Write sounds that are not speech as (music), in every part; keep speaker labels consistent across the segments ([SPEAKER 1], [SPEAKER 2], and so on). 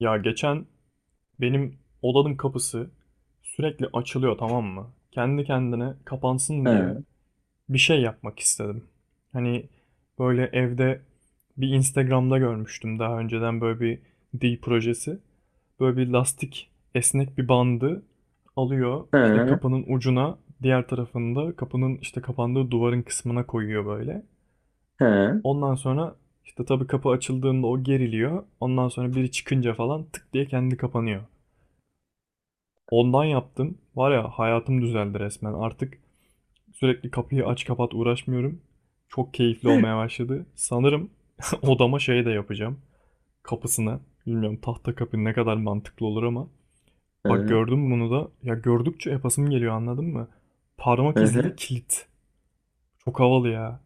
[SPEAKER 1] Ya geçen benim odanın kapısı sürekli açılıyor, tamam mı? Kendi kendine
[SPEAKER 2] (laughs)
[SPEAKER 1] kapansın diye
[SPEAKER 2] ha
[SPEAKER 1] bir şey yapmak istedim. Hani böyle evde bir Instagram'da görmüştüm daha önceden böyle bir dil projesi. Böyle bir lastik, esnek bir bandı alıyor işte
[SPEAKER 2] ha
[SPEAKER 1] kapının ucuna, diğer tarafında kapının işte kapandığı duvarın kısmına koyuyor böyle.
[SPEAKER 2] ha ha
[SPEAKER 1] Ondan sonra işte tabii kapı açıldığında o geriliyor. Ondan sonra biri çıkınca falan tık diye kendi kapanıyor. Ondan yaptım. Var ya, hayatım düzeldi resmen. Artık sürekli kapıyı aç kapat uğraşmıyorum. Çok keyifli olmaya başladı. Sanırım (laughs) odama şey de yapacağım. Kapısına. Bilmiyorum, tahta kapı ne kadar mantıklı olur ama. Bak
[SPEAKER 2] hı,
[SPEAKER 1] gördüm bunu da. Ya gördükçe yapasım geliyor, anladın mı? Parmak izli
[SPEAKER 2] hı.
[SPEAKER 1] kilit. Çok havalı ya.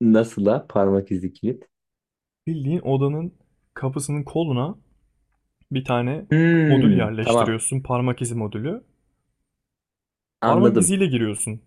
[SPEAKER 2] Nasıl la parmak izi kilit?
[SPEAKER 1] Bildiğin odanın kapısının koluna bir tane modül
[SPEAKER 2] Hmm, tamam
[SPEAKER 1] yerleştiriyorsun. Parmak izi modülü. Parmak
[SPEAKER 2] anladım.
[SPEAKER 1] iziyle giriyorsun.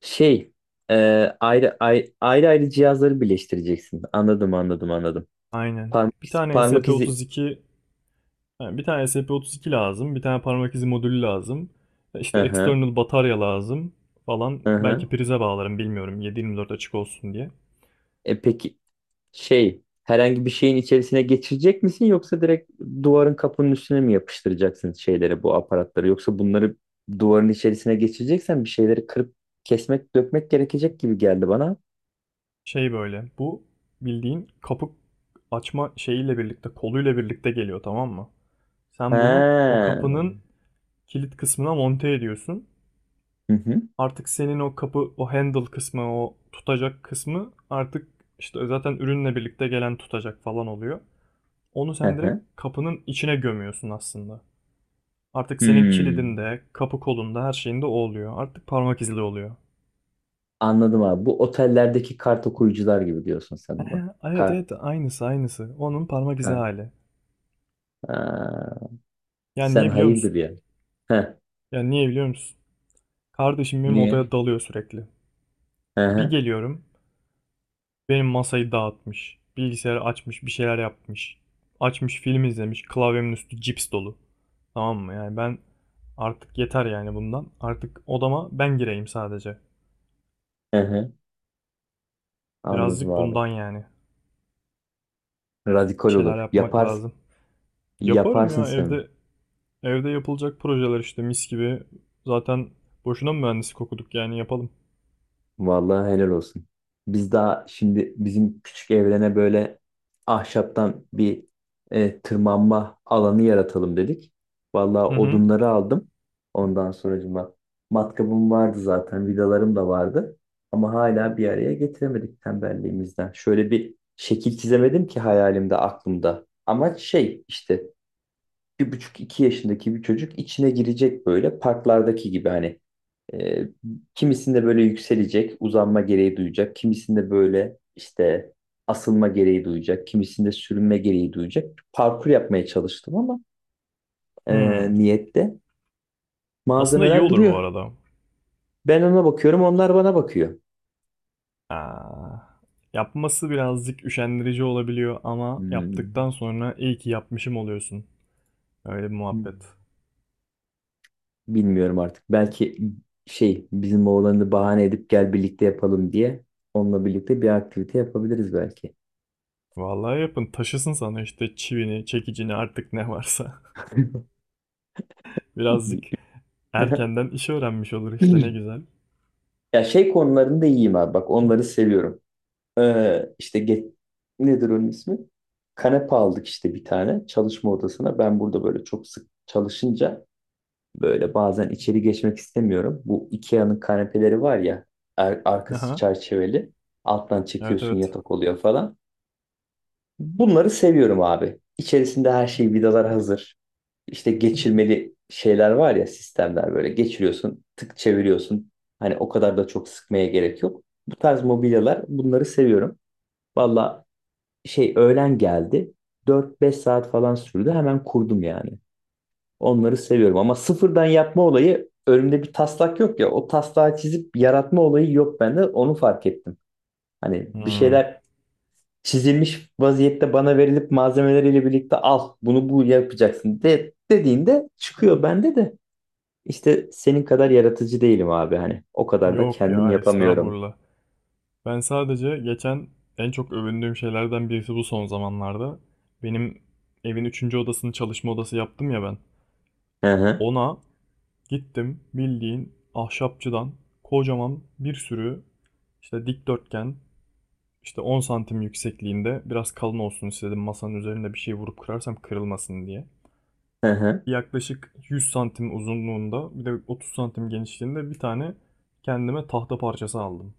[SPEAKER 2] Şey e, ayrı ayrı cihazları birleştireceksin. Anladım anladım anladım.
[SPEAKER 1] Aynen.
[SPEAKER 2] Parmak
[SPEAKER 1] Bir
[SPEAKER 2] izi,
[SPEAKER 1] tane
[SPEAKER 2] parmak izi.
[SPEAKER 1] SP32, yani bir tane SP32 lazım, bir tane parmak izi modülü lazım. İşte
[SPEAKER 2] Hı hı,
[SPEAKER 1] external batarya lazım falan.
[SPEAKER 2] hı hı.
[SPEAKER 1] Belki prize bağlarım, bilmiyorum, 7/24 açık olsun diye.
[SPEAKER 2] E peki şey herhangi bir şeyin içerisine geçirecek misin yoksa direkt duvarın kapının üstüne mi yapıştıracaksın şeyleri bu aparatları yoksa bunları duvarın içerisine geçireceksen bir şeyleri kırıp kesmek dökmek gerekecek gibi geldi bana.
[SPEAKER 1] Şey, böyle bu bildiğin kapı açma şeyiyle birlikte, koluyla birlikte geliyor, tamam mı?
[SPEAKER 2] He.
[SPEAKER 1] Sen bunu o
[SPEAKER 2] Hı
[SPEAKER 1] kapının kilit kısmına monte ediyorsun.
[SPEAKER 2] hı.
[SPEAKER 1] Artık senin o kapı, o handle kısmı, o tutacak kısmı artık işte zaten ürünle birlikte gelen tutacak falan oluyor. Onu
[SPEAKER 2] Hı
[SPEAKER 1] sen direkt
[SPEAKER 2] hı.
[SPEAKER 1] kapının içine gömüyorsun aslında. Artık senin
[SPEAKER 2] Hmm.
[SPEAKER 1] kilidinde, kapı kolunda, her şeyinde o oluyor. Artık parmak izli oluyor.
[SPEAKER 2] Anladım abi. Bu otellerdeki kart okuyucular gibi diyorsun
[SPEAKER 1] (laughs)
[SPEAKER 2] sen
[SPEAKER 1] Ehe,
[SPEAKER 2] buna.
[SPEAKER 1] evet
[SPEAKER 2] Kart.
[SPEAKER 1] evet, aynısı aynısı. Onun parmak izi
[SPEAKER 2] Kart.
[SPEAKER 1] hali.
[SPEAKER 2] Ha.
[SPEAKER 1] Yani
[SPEAKER 2] Sen
[SPEAKER 1] niye biliyor
[SPEAKER 2] hayırdır
[SPEAKER 1] musun?
[SPEAKER 2] ya. Heh.
[SPEAKER 1] Yani niye biliyor musun? Kardeşim benim odaya
[SPEAKER 2] Niye?
[SPEAKER 1] dalıyor sürekli.
[SPEAKER 2] Hı
[SPEAKER 1] Bir
[SPEAKER 2] hı.
[SPEAKER 1] geliyorum, benim masayı dağıtmış. Bilgisayarı açmış, bir şeyler yapmış. Açmış, film izlemiş, klavyemin üstü cips dolu. Tamam mı? Yani ben artık yeter yani bundan. Artık odama ben gireyim sadece.
[SPEAKER 2] Hı hı. Anladım
[SPEAKER 1] Birazcık
[SPEAKER 2] abi.
[SPEAKER 1] bundan yani.
[SPEAKER 2] Radikal
[SPEAKER 1] Bir şeyler
[SPEAKER 2] olur.
[SPEAKER 1] yapmak
[SPEAKER 2] Yaparsın.
[SPEAKER 1] lazım. Yaparım
[SPEAKER 2] Yaparsın
[SPEAKER 1] ya.
[SPEAKER 2] sen.
[SPEAKER 1] Evde, evde yapılacak projeler işte mis gibi. Zaten boşuna mı mühendislik okuduk, yani yapalım.
[SPEAKER 2] Vallahi helal olsun. Biz daha şimdi bizim küçük evrene böyle ahşaptan bir tırmanma alanı yaratalım dedik. Vallahi
[SPEAKER 1] Hı hı.
[SPEAKER 2] odunları aldım. Ondan sonracıma matkabım vardı zaten, vidalarım da vardı. Ama hala bir araya getiremedik tembelliğimizden. Şöyle bir şekil çizemedim ki hayalimde, aklımda. Amaç şey işte 1,5-2 yaşındaki bir çocuk içine girecek böyle parklardaki gibi hani e, kimisinde böyle yükselecek, uzanma gereği duyacak, kimisinde böyle işte asılma gereği duyacak, kimisinde sürünme gereği duyacak. Parkur yapmaya çalıştım ama e,
[SPEAKER 1] Hmm.
[SPEAKER 2] niyette
[SPEAKER 1] Aslında iyi
[SPEAKER 2] malzemeler
[SPEAKER 1] olur bu
[SPEAKER 2] duruyor.
[SPEAKER 1] arada.
[SPEAKER 2] Ben ona bakıyorum, onlar bana bakıyor.
[SPEAKER 1] Aa, yapması birazcık üşendirici olabiliyor ama
[SPEAKER 2] Hmm.
[SPEAKER 1] yaptıktan sonra iyi ki yapmışım oluyorsun. Öyle bir muhabbet.
[SPEAKER 2] Hmm. Bilmiyorum artık. Belki şey bizim oğlanı bahane edip gel birlikte yapalım diye onunla birlikte bir aktivite yapabiliriz belki.
[SPEAKER 1] Vallahi yapın, taşısın sana işte çivini, çekicini, artık ne varsa. (laughs) Birazcık
[SPEAKER 2] (laughs)
[SPEAKER 1] erkenden işi öğrenmiş olur işte, ne
[SPEAKER 2] (clears throat)
[SPEAKER 1] güzel.
[SPEAKER 2] Ya şey konularında iyiyim abi. Bak onları seviyorum. İşte get, nedir onun ismi? Kanepe aldık işte bir tane çalışma odasına. Ben burada böyle çok sık çalışınca böyle bazen içeri geçmek istemiyorum. Bu IKEA'nın kanepeleri var ya arkası
[SPEAKER 1] Aha.
[SPEAKER 2] çerçeveli. Alttan
[SPEAKER 1] Evet
[SPEAKER 2] çekiyorsun
[SPEAKER 1] evet.
[SPEAKER 2] yatak oluyor falan. Bunları seviyorum abi. İçerisinde her şey vidalar hazır. İşte geçirmeli şeyler var ya sistemler böyle geçiriyorsun, tık çeviriyorsun. Hani o kadar da çok sıkmaya gerek yok. Bu tarz mobilyalar bunları seviyorum. Valla şey öğlen geldi. 4-5 saat falan sürdü. Hemen kurdum yani. Onları seviyorum ama sıfırdan yapma olayı önümde bir taslak yok ya. O taslağı çizip yaratma olayı yok bende. Onu fark ettim. Hani bir
[SPEAKER 1] Hmm.
[SPEAKER 2] şeyler çizilmiş vaziyette bana verilip malzemeleriyle birlikte al bunu bu yapacaksın de, dediğinde çıkıyor bende de. İşte senin kadar yaratıcı değilim abi hani. O kadar da
[SPEAKER 1] Yok
[SPEAKER 2] kendim
[SPEAKER 1] ya,
[SPEAKER 2] yapamıyorum.
[SPEAKER 1] estağfurullah. Ben sadece geçen en çok övündüğüm şeylerden birisi bu son zamanlarda. Benim evin üçüncü odasını çalışma odası yaptım ya ben.
[SPEAKER 2] Hı hı.
[SPEAKER 1] Ona gittim, bildiğin ahşapçıdan kocaman bir sürü, işte dikdörtgen, işte 10 santim yüksekliğinde, biraz kalın olsun istedim masanın üzerinde bir şey vurup kırarsam kırılmasın diye,
[SPEAKER 2] Hı hı.
[SPEAKER 1] yaklaşık 100 santim uzunluğunda bir de 30 santim genişliğinde bir tane kendime tahta parçası aldım.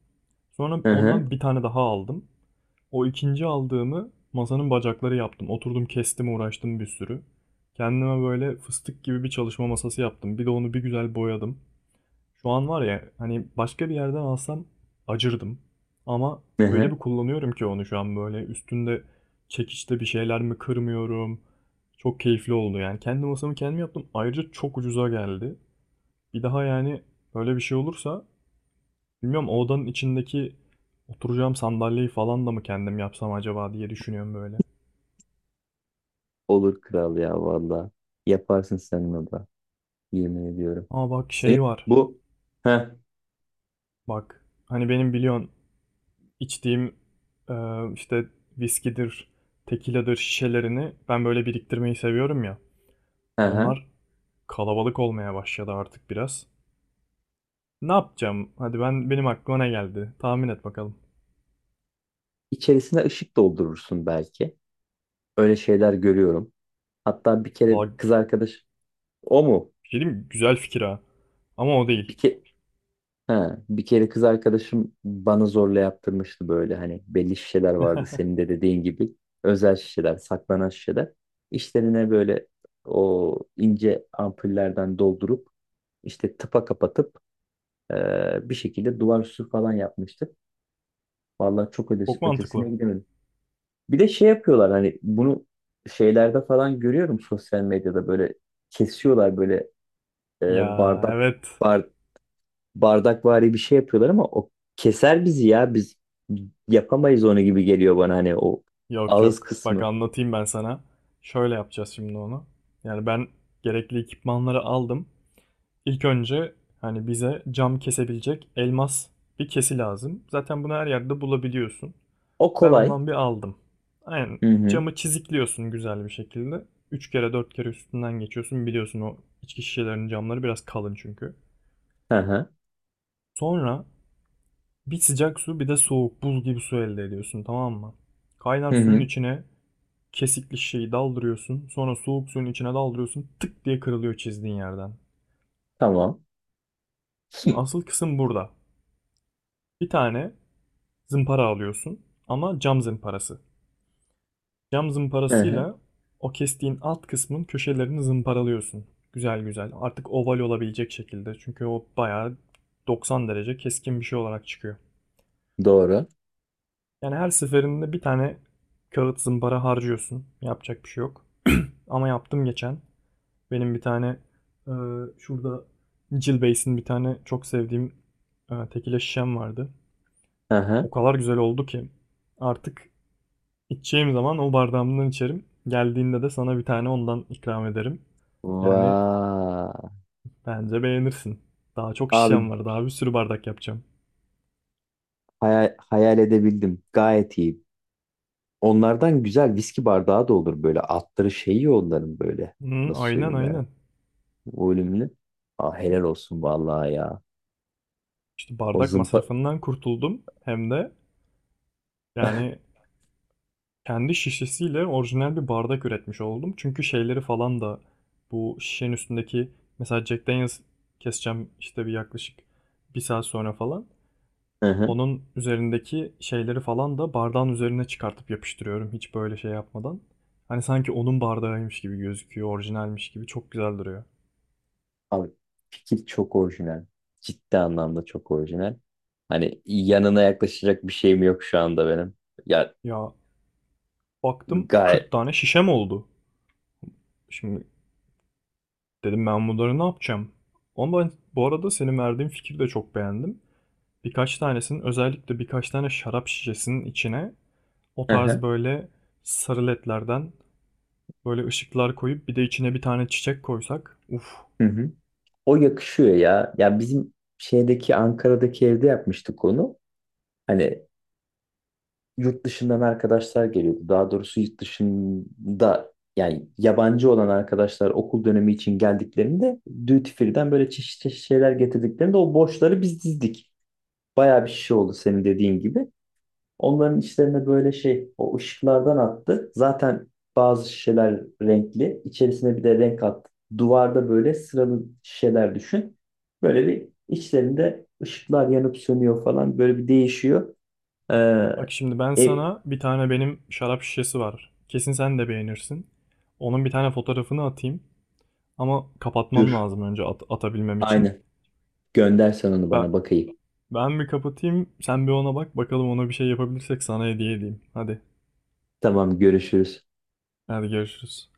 [SPEAKER 1] Sonra
[SPEAKER 2] Hı hı.
[SPEAKER 1] ondan bir tane daha aldım. O ikinci aldığımı masanın bacakları yaptım. Oturdum, kestim, uğraştım bir sürü. Kendime böyle fıstık gibi bir çalışma masası yaptım. Bir de onu bir güzel boyadım. Şu an var ya, hani başka bir yerden alsam acırdım. Ama
[SPEAKER 2] Hı
[SPEAKER 1] öyle bir
[SPEAKER 2] hı.
[SPEAKER 1] kullanıyorum ki onu şu an, böyle üstünde çekiçte bir şeyler mi kırmıyorum. Çok keyifli oldu yani. Kendi masamı kendim yaptım. Ayrıca çok ucuza geldi. Bir daha yani böyle bir şey olursa, bilmiyorum, o odanın içindeki oturacağım sandalyeyi falan da mı kendim yapsam acaba diye düşünüyorum böyle.
[SPEAKER 2] Olur kral ya valla. Yaparsın sen onu da. Yemin ediyorum.
[SPEAKER 1] Ama bak,
[SPEAKER 2] Senin
[SPEAKER 1] şey var.
[SPEAKER 2] bu hı
[SPEAKER 1] Bak hani benim biliyorsun içtiğim, e, işte viskidir, tekiladır şişelerini ben böyle biriktirmeyi seviyorum ya.
[SPEAKER 2] hı. Hı.
[SPEAKER 1] Onlar kalabalık olmaya başladı artık biraz. Ne yapacağım? Hadi, ben, benim aklıma ne geldi? Tahmin et bakalım.
[SPEAKER 2] İçerisine ışık doldurursun belki. Öyle şeyler görüyorum. Hatta bir kere
[SPEAKER 1] La,
[SPEAKER 2] kız arkadaş o mu?
[SPEAKER 1] bir şey diyeyim mi? Güzel fikir ha. Ama o değil.
[SPEAKER 2] Bir ke Ha, bir kere kız arkadaşım bana zorla yaptırmıştı böyle hani belli şişeler vardı senin
[SPEAKER 1] (laughs)
[SPEAKER 2] de dediğin gibi özel şişeler saklanan şişeler içlerine böyle o ince ampullerden doldurup işte tıpa kapatıp bir şekilde duvar süsü falan yapmıştık. Vallahi çok
[SPEAKER 1] Çok
[SPEAKER 2] ötesine
[SPEAKER 1] mantıklı.
[SPEAKER 2] gidemedim. Bir de şey yapıyorlar hani bunu şeylerde falan görüyorum sosyal medyada böyle kesiyorlar böyle
[SPEAKER 1] Ya
[SPEAKER 2] e, bardak
[SPEAKER 1] evet.
[SPEAKER 2] bardakvari bir şey yapıyorlar ama o keser bizi ya biz yapamayız onu gibi geliyor bana hani o
[SPEAKER 1] Yok
[SPEAKER 2] ağız
[SPEAKER 1] yok. Bak
[SPEAKER 2] kısmı.
[SPEAKER 1] anlatayım ben sana. Şöyle yapacağız şimdi onu. Yani ben gerekli ekipmanları aldım. İlk önce, hani bize cam kesebilecek elmas bir kesi lazım. Zaten bunu her yerde bulabiliyorsun.
[SPEAKER 2] O
[SPEAKER 1] Ben
[SPEAKER 2] kolay.
[SPEAKER 1] ondan bir aldım. Aynen,
[SPEAKER 2] Hı hı.
[SPEAKER 1] camı çizikliyorsun güzel bir şekilde. 3 kere 4 kere üstünden geçiyorsun. Biliyorsun o içki şişelerinin camları biraz kalın çünkü.
[SPEAKER 2] Hı hı.
[SPEAKER 1] Sonra bir sıcak su, bir de soğuk buz gibi su elde ediyorsun, tamam mı? Kaynar
[SPEAKER 2] Hı
[SPEAKER 1] suyun
[SPEAKER 2] hı.
[SPEAKER 1] içine kesikli şeyi daldırıyorsun. Sonra soğuk suyun içine daldırıyorsun. Tık diye kırılıyor çizdiğin yerden.
[SPEAKER 2] Tamam. (laughs)
[SPEAKER 1] Asıl kısım burada. Bir tane zımpara alıyorsun ama cam zımparası. Cam
[SPEAKER 2] Hı hı.
[SPEAKER 1] zımparasıyla o kestiğin alt kısmın köşelerini zımparalıyorsun. Güzel güzel. Artık oval olabilecek şekilde. Çünkü o bayağı 90 derece keskin bir şey olarak çıkıyor.
[SPEAKER 2] Doğru.
[SPEAKER 1] Yani her seferinde bir tane kağıt zımpara harcıyorsun. Yapacak bir şey yok. Ama yaptım geçen. Benim bir tane e, şurada Jill Bass'in bir tane çok sevdiğim tekile şişem vardı.
[SPEAKER 2] Hı hı.
[SPEAKER 1] O kadar güzel oldu ki artık İçeceğim zaman o bardağımdan içerim. Geldiğinde de sana bir tane ondan ikram ederim. Yani
[SPEAKER 2] Vaa.
[SPEAKER 1] bence beğenirsin. Daha çok şişem
[SPEAKER 2] Abi
[SPEAKER 1] var. Daha bir sürü bardak yapacağım.
[SPEAKER 2] hayal edebildim. Gayet iyi. Onlardan güzel viski bardağı da olur böyle. Altları şeyi onların böyle.
[SPEAKER 1] Hı,
[SPEAKER 2] Nasıl
[SPEAKER 1] aynen
[SPEAKER 2] söyleyeyim ben?
[SPEAKER 1] aynen.
[SPEAKER 2] Volümlü. Aa, helal olsun vallahi ya.
[SPEAKER 1] İşte
[SPEAKER 2] O
[SPEAKER 1] bardak
[SPEAKER 2] zımpa...
[SPEAKER 1] masrafından kurtuldum. Hem de yani kendi şişesiyle orijinal bir bardak üretmiş oldum. Çünkü şeyleri falan da, bu şişenin üstündeki, mesela Jack Daniels keseceğim işte bir, yaklaşık bir saat sonra falan.
[SPEAKER 2] Hı hı.
[SPEAKER 1] Onun üzerindeki şeyleri falan da bardağın üzerine çıkartıp yapıştırıyorum, hiç böyle şey yapmadan. Hani sanki onun bardağıymış gibi gözüküyor, orijinalmiş gibi çok güzel duruyor.
[SPEAKER 2] Abi fikir çok orijinal. Ciddi anlamda çok orijinal. Hani yanına yaklaşacak bir şeyim yok şu anda benim. Ya
[SPEAKER 1] Ya baktım 40
[SPEAKER 2] gayet.
[SPEAKER 1] tane şişem oldu. Şimdi dedim ben bunları ne yapacağım? Ama ben bu arada senin verdiğin fikri de çok beğendim. Birkaç tanesinin, özellikle birkaç tane şarap şişesinin içine o
[SPEAKER 2] Hı
[SPEAKER 1] tarz
[SPEAKER 2] hı.
[SPEAKER 1] böyle sarı ledlerden böyle ışıklar koyup bir de içine bir tane çiçek koysak. Uf.
[SPEAKER 2] Hı hı. O yakışıyor ya. Ya bizim şeydeki Ankara'daki evde yapmıştık onu. Hani yurt dışından arkadaşlar geliyordu. Daha doğrusu yurt dışında yani yabancı olan arkadaşlar okul dönemi için geldiklerinde duty free'den böyle çeşitli çeşit şeyler getirdiklerinde o boşları biz dizdik. Bayağı bir şişe oldu senin dediğin gibi. Onların içlerine böyle şey o ışıklardan attı. Zaten bazı şişeler renkli. İçerisine bir de renk attı. Duvarda böyle sıralı şişeler düşün. Böyle bir içlerinde ışıklar yanıp sönüyor falan. Böyle bir değişiyor.
[SPEAKER 1] Bak
[SPEAKER 2] Ee,
[SPEAKER 1] şimdi, ben
[SPEAKER 2] e,
[SPEAKER 1] sana, bir tane benim şarap şişesi var. Kesin sen de beğenirsin. Onun bir tane fotoğrafını atayım. Ama kapatmam
[SPEAKER 2] Dur.
[SPEAKER 1] lazım önce atabilmem için.
[SPEAKER 2] Aynen. Göndersen onu
[SPEAKER 1] Ben,
[SPEAKER 2] bana bakayım.
[SPEAKER 1] ben bir kapatayım, sen bir ona bak. Bakalım ona bir şey yapabilirsek sana hediye edeyim. Hadi,
[SPEAKER 2] Tamam görüşürüz.
[SPEAKER 1] hadi görüşürüz.